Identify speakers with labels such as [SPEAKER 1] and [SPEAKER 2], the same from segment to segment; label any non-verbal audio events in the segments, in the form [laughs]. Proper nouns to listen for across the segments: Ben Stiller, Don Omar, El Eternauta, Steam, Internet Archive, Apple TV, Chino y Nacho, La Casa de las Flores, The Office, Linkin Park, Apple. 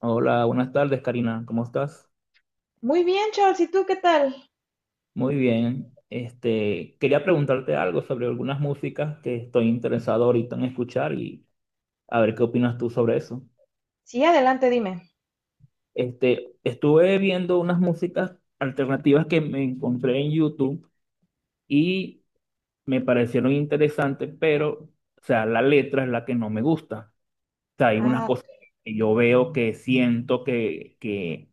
[SPEAKER 1] Hola, buenas tardes, Karina. ¿Cómo estás?
[SPEAKER 2] Muy bien, Charles, ¿y tú qué tal?
[SPEAKER 1] Muy bien. Quería preguntarte algo sobre algunas músicas que estoy interesado ahorita en escuchar y a ver qué opinas tú sobre eso.
[SPEAKER 2] Sí, adelante, dime.
[SPEAKER 1] Estuve viendo unas músicas alternativas que me encontré en YouTube y me parecieron interesantes, pero, o sea, la letra es la que no me gusta. O sea, hay unas
[SPEAKER 2] Ah,
[SPEAKER 1] cosas que yo veo que siento que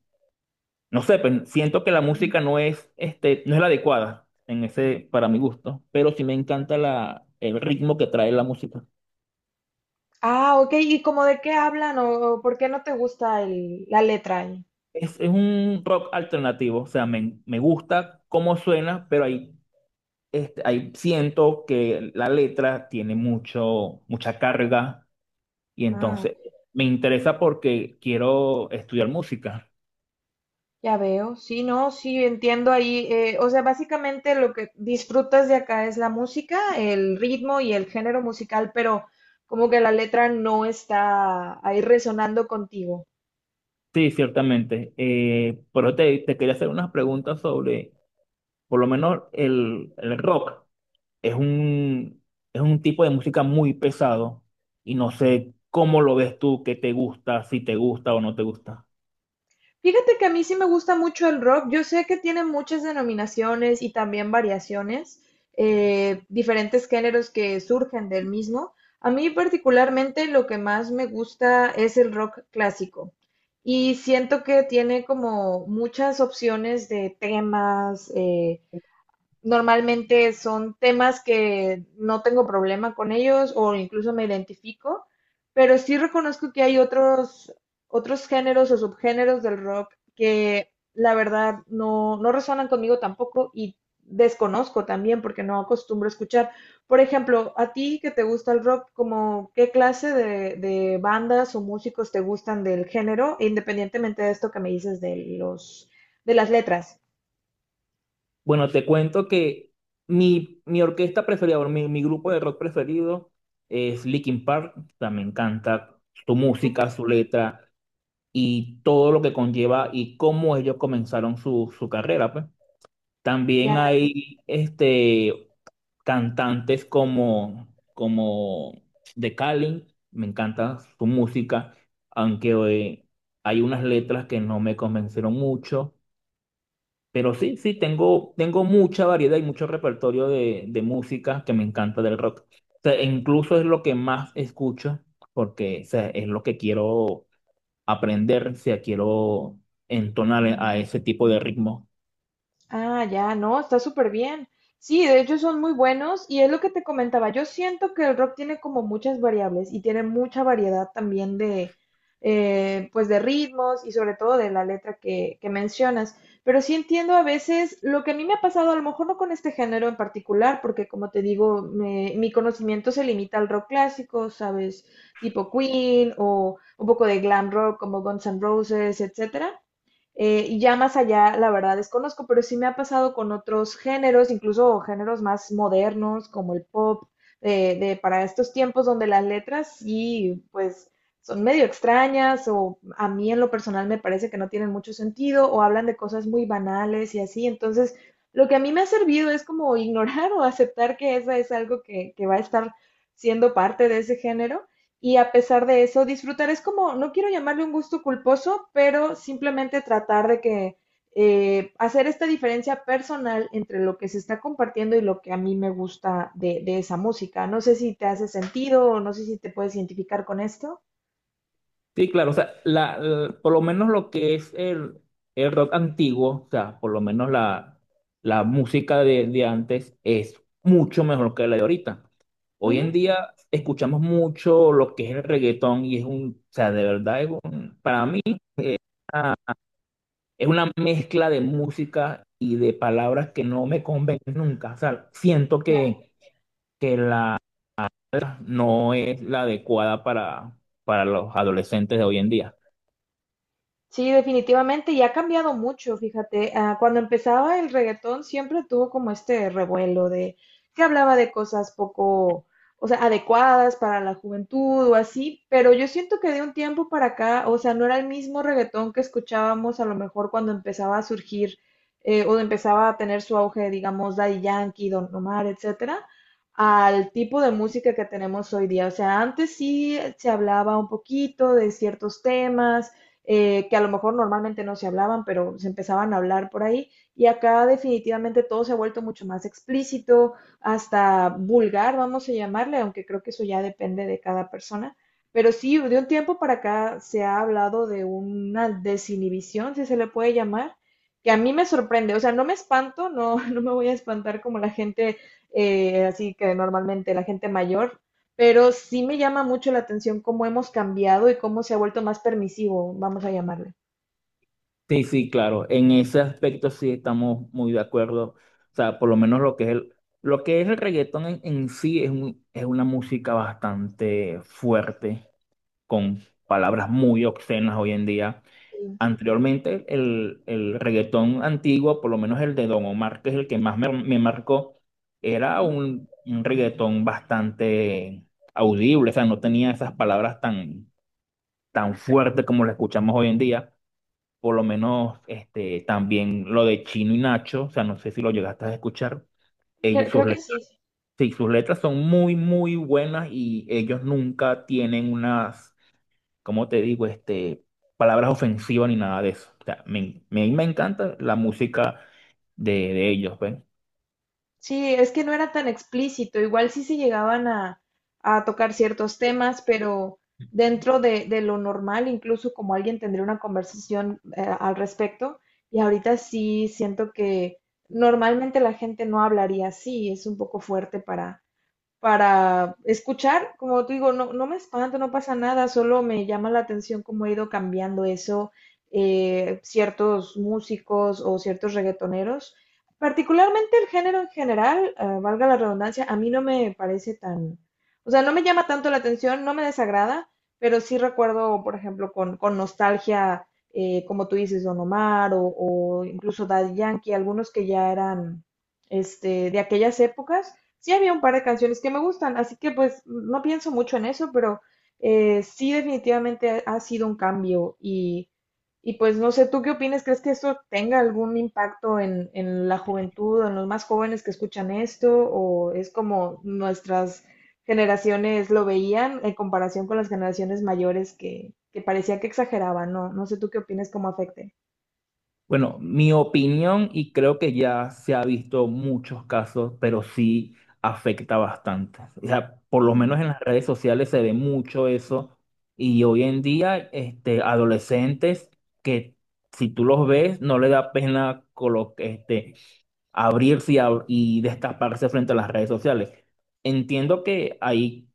[SPEAKER 1] No sé, pero siento que la música no es, no es la adecuada en ese, para mi gusto, pero sí me encanta la, el ritmo que trae la música.
[SPEAKER 2] ah, ok, ¿y cómo de qué hablan o por qué no te gusta la letra ahí?
[SPEAKER 1] Es un rock alternativo, o sea, me gusta cómo suena, pero ahí, ahí siento que la letra tiene mucho, mucha carga y
[SPEAKER 2] Ah,
[SPEAKER 1] entonces
[SPEAKER 2] ok,
[SPEAKER 1] me interesa porque quiero estudiar música.
[SPEAKER 2] ya veo, sí, no, sí, entiendo ahí. O sea, básicamente lo que disfrutas de acá es la música, el ritmo y el género musical, pero como que la letra no está ahí resonando contigo.
[SPEAKER 1] Sí, ciertamente. Pero te quería hacer unas preguntas sobre, por lo menos, el rock. es un, es un tipo de música muy pesado y no sé cómo lo ves tú, qué te gusta, si te gusta o no te gusta.
[SPEAKER 2] Fíjate que a mí sí me gusta mucho el rock. Yo sé que tiene muchas denominaciones y también variaciones, diferentes géneros que surgen del mismo. A mí particularmente lo que más me gusta es el rock clásico. Y siento que tiene como muchas opciones de temas, normalmente son temas que no tengo problema con ellos o incluso me identifico, pero sí reconozco que hay otros géneros o subgéneros del rock que la verdad no resonan conmigo tampoco y desconozco también porque no acostumbro a escuchar. Por ejemplo, a ti que te gusta el rock, como qué clase de bandas o músicos te gustan del género, independientemente de esto que me dices de las letras.
[SPEAKER 1] Bueno, te cuento que mi orquesta preferida, o mi grupo de rock preferido es Linkin Park. O sea, me encanta su música,
[SPEAKER 2] Súper.
[SPEAKER 1] su letra y todo lo que conlleva y cómo ellos comenzaron su carrera, pues. También
[SPEAKER 2] Ya.
[SPEAKER 1] hay cantantes como de Cali, me encanta su música, aunque hay unas letras que no me convencieron mucho, pero sí, tengo mucha variedad y mucho repertorio de música que me encanta del rock. O sea, e incluso es lo que más escucho, porque o sea, es lo que quiero aprender, si quiero entonar a ese tipo de ritmo.
[SPEAKER 2] Ah, ya, no, está súper bien. Sí, de hecho son muy buenos y es lo que te comentaba. Yo siento que el rock tiene como muchas variables y tiene mucha variedad también pues de ritmos y sobre todo de la letra que mencionas. Pero sí entiendo a veces lo que a mí me ha pasado, a lo mejor no con este género en particular, porque como te digo, mi conocimiento se limita al rock clásico, ¿sabes? Tipo Queen o un poco de glam rock como Guns N' Roses, etcétera. Y ya más allá, la verdad desconozco, pero sí me ha pasado con otros géneros, incluso géneros más modernos como el pop, de para estos tiempos donde las letras sí, pues son medio extrañas o a mí en lo personal me parece que no tienen mucho sentido o hablan de cosas muy banales y así. Entonces, lo que a mí me ha servido es como [laughs] ignorar o aceptar que esa es algo que va a estar siendo parte de ese género y a pesar de eso, disfrutar es como, no quiero llamarle un gusto culposo, pero simplemente tratar de que hacer esta diferencia personal entre lo que se está compartiendo y lo que a mí me gusta de esa música. No sé si te hace sentido o no sé si te puedes identificar con esto.
[SPEAKER 1] Sí, claro, o sea, por lo menos lo que es el rock antiguo, o sea, por lo menos la música de antes es mucho mejor que la de ahorita. Hoy en
[SPEAKER 2] Ujú.
[SPEAKER 1] día escuchamos mucho lo que es el reggaetón y es un, o sea, de verdad, para mí ah, es una mezcla de música y de palabras que no me convencen nunca. O sea, siento que la no es la adecuada para los adolescentes de hoy en día.
[SPEAKER 2] Sí, definitivamente, y ha cambiado mucho, fíjate. Ah, cuando empezaba el reggaetón siempre tuvo como este revuelo de que hablaba de cosas poco, o sea, adecuadas para la juventud o así, pero yo siento que de un tiempo para acá, o sea, no era el mismo reggaetón que escuchábamos a lo mejor cuando empezaba a surgir o empezaba a tener su auge, digamos, Daddy Yankee, Don Omar, etcétera, al tipo de música que tenemos hoy día. O sea, antes sí se hablaba un poquito de ciertos temas, que a lo mejor normalmente no se hablaban, pero se empezaban a hablar por ahí. Y acá definitivamente todo se ha vuelto mucho más explícito, hasta vulgar, vamos a llamarle, aunque creo que eso ya depende de cada persona. Pero sí, de un tiempo para acá se ha hablado de una desinhibición, si se le puede llamar, que a mí me sorprende. O sea, no me espanto, no, [laughs] no me voy a espantar como la gente, así que normalmente la gente mayor, pero sí me llama mucho la atención cómo hemos cambiado y cómo se ha vuelto más permisivo, vamos a llamarle.
[SPEAKER 1] Sí, sí, claro. En ese aspecto sí estamos muy de acuerdo. O sea, por lo menos lo que es lo que es el reggaetón en sí es una música bastante fuerte, con palabras muy obscenas hoy en día.
[SPEAKER 2] Sí.
[SPEAKER 1] Anteriormente, el reggaetón antiguo, por lo menos el de Don Omar, que es el que más me marcó, era
[SPEAKER 2] Ujú.
[SPEAKER 1] un reggaetón bastante audible. O sea, no tenía esas palabras tan, tan fuertes como las escuchamos hoy en día por lo menos también lo de Chino y Nacho, o sea, no sé si lo llegaste a escuchar, ellos, sus
[SPEAKER 2] Creo que sí.
[SPEAKER 1] letras, sí, sus letras son muy, muy buenas y ellos nunca tienen unas, ¿cómo te digo? Palabras ofensivas ni nada de eso. O sea, me encanta la música de ellos, ¿ves?
[SPEAKER 2] Sí, es que no era tan explícito. Igual sí se llegaban a tocar ciertos temas, pero dentro de lo normal, incluso como alguien tendría una conversación, al respecto. Y ahorita sí siento que normalmente la gente no hablaría así. Es un poco fuerte para escuchar, como te digo, no, no me espanta, no pasa nada, solo me llama la atención cómo ha ido cambiando eso, ciertos músicos o ciertos reggaetoneros. Particularmente el género en general, valga la redundancia, a mí no me parece tan, o sea, no me llama tanto la atención, no me desagrada, pero sí recuerdo, por ejemplo, con nostalgia, como tú dices, Don Omar o incluso Daddy Yankee, algunos que ya eran, de aquellas épocas sí había un par de canciones que me gustan, así que pues no pienso mucho en eso, pero sí definitivamente ha sido un cambio, y pues no sé, ¿tú qué opinas? ¿Crees que esto tenga algún impacto en la juventud, en los más jóvenes que escuchan esto? ¿O es como nuestras generaciones lo veían en comparación con las generaciones mayores que parecía que exageraban? No, no sé, ¿tú qué opinas? ¿Cómo afecte?
[SPEAKER 1] Bueno, mi opinión, y creo que ya se ha visto muchos casos, pero sí afecta bastante. O sea, por lo
[SPEAKER 2] Mm.
[SPEAKER 1] menos en las redes sociales se ve mucho eso. Y hoy en día, adolescentes que si tú los ves, no le da pena abrirse y, y destaparse frente a las redes sociales. Entiendo que ahí,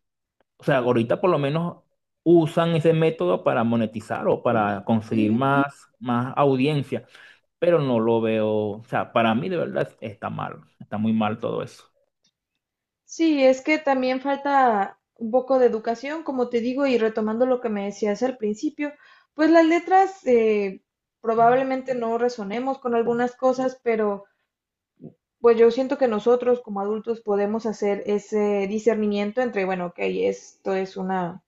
[SPEAKER 1] o sea, ahorita por lo menos usan ese método para monetizar o para conseguir más audiencia pero no lo veo, o sea, para mí de verdad está mal, está muy mal todo eso.
[SPEAKER 2] Sí, es que también falta un poco de educación, como te digo, y retomando lo que me decías al principio, pues las letras, probablemente no resonemos con algunas cosas, pero pues yo siento que nosotros como adultos podemos hacer ese discernimiento entre, bueno, ok, esto es una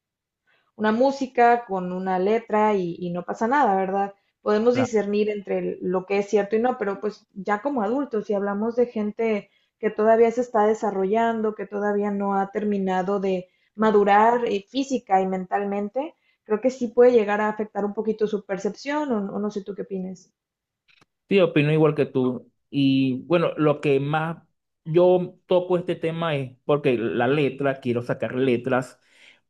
[SPEAKER 2] una música con una letra, y no pasa nada, ¿verdad? Podemos
[SPEAKER 1] Claro,
[SPEAKER 2] discernir entre lo que es cierto y no, pero pues ya como adultos, si hablamos de gente que todavía se está desarrollando, que todavía no ha terminado de madurar, física y mentalmente, creo que sí puede llegar a afectar un poquito su percepción, o no sé tú qué opinas.
[SPEAKER 1] sí, opino igual que tú. Y bueno, lo que más yo toco este tema es porque la letra, quiero sacar letras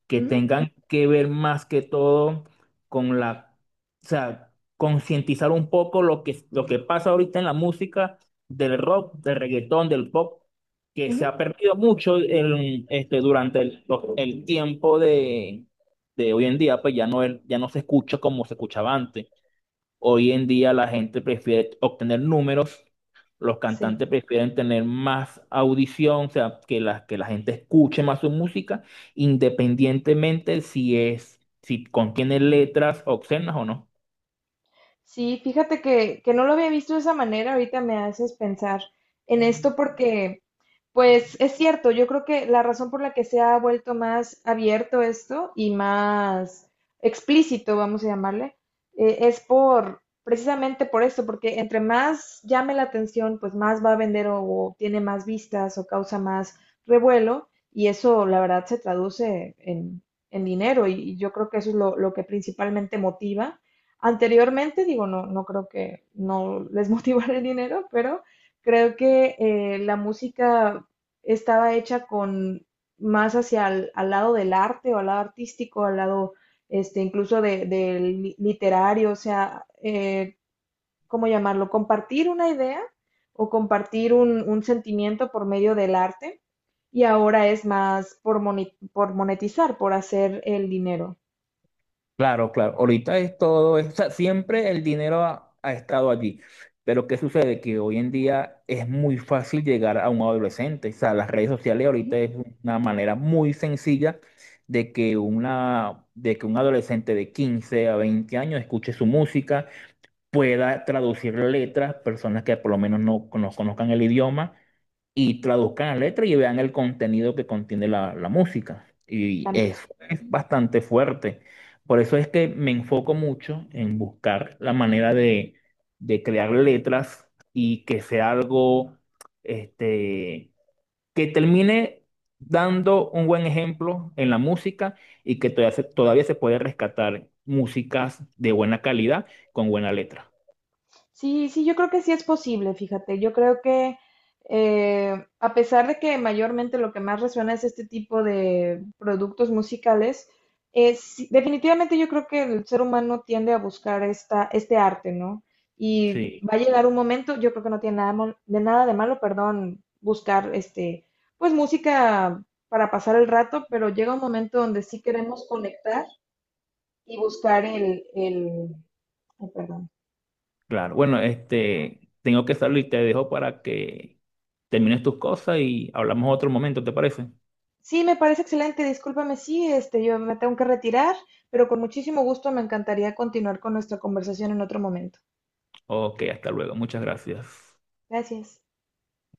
[SPEAKER 1] que tengan que ver más que todo con la, o sea, concientizar un poco lo que pasa ahorita en la música del rock, del reggaetón, del pop, que
[SPEAKER 2] Ujú,
[SPEAKER 1] se
[SPEAKER 2] ujú,
[SPEAKER 1] ha perdido mucho durante el tiempo de hoy en día, pues ya no, ya no se escucha como se escuchaba antes. Hoy en día la gente prefiere obtener números los
[SPEAKER 2] sí.
[SPEAKER 1] cantantes prefieren tener más audición, o sea, que la gente escuche más su música, independientemente si si contiene letras obscenas o no.
[SPEAKER 2] Sí, fíjate que no lo había visto de esa manera, ahorita me haces pensar en esto porque, pues es cierto, yo creo que la razón por la que se ha vuelto más abierto esto y más explícito, vamos a llamarle, es precisamente por esto, porque entre más llame la atención, pues más va a vender, o tiene más vistas o causa más revuelo y eso la verdad se traduce en dinero, y yo creo que eso es lo que principalmente motiva. Anteriormente, digo, no, no creo que no les [laughs] motivara el dinero, pero creo que la música estaba hecha con más hacia al lado del arte o al lado artístico, al lado, incluso del literario, o sea, ¿cómo llamarlo? Compartir una idea o compartir un sentimiento por medio del arte y ahora es más por monetizar, por hacer el dinero
[SPEAKER 1] Claro, claro. Ahorita es todo, o sea, siempre el dinero ha estado allí. Pero ¿qué sucede? Que hoy en día es muy fácil llegar a un adolescente. O sea, las redes sociales ahorita es una manera muy sencilla de que un adolescente de 15 a 20 años escuche su música pueda traducir letras, personas que por lo menos no conozcan el idioma y traduzcan la letra y vean el contenido que contiene la música. Y
[SPEAKER 2] también.
[SPEAKER 1] eso es bastante fuerte. Por eso es que me enfoco mucho en buscar la manera de crear letras y que sea algo este, que termine dando un buen ejemplo en la música y que todavía se puede rescatar músicas de buena calidad con buena letra.
[SPEAKER 2] Sí, sí, yo creo que sí es posible, fíjate. Yo creo que a pesar de que mayormente lo que más resuena es este tipo de productos musicales, es, sí, definitivamente yo creo que el ser humano tiende a buscar este arte, ¿no? Y
[SPEAKER 1] Sí,
[SPEAKER 2] va a llegar un momento, yo creo que no tiene nada de nada de malo, perdón, buscar, pues música para pasar el rato, pero llega un momento donde sí queremos conectar y buscar el, ay, perdón.
[SPEAKER 1] claro. Bueno, tengo que salir, y te dejo para que termines tus cosas y hablamos otro momento, ¿te parece?
[SPEAKER 2] Sí, me parece excelente. Discúlpame, sí, yo me tengo que retirar, pero con muchísimo gusto me encantaría continuar con nuestra conversación en otro momento.
[SPEAKER 1] Ok, hasta luego. Muchas gracias.
[SPEAKER 2] Gracias.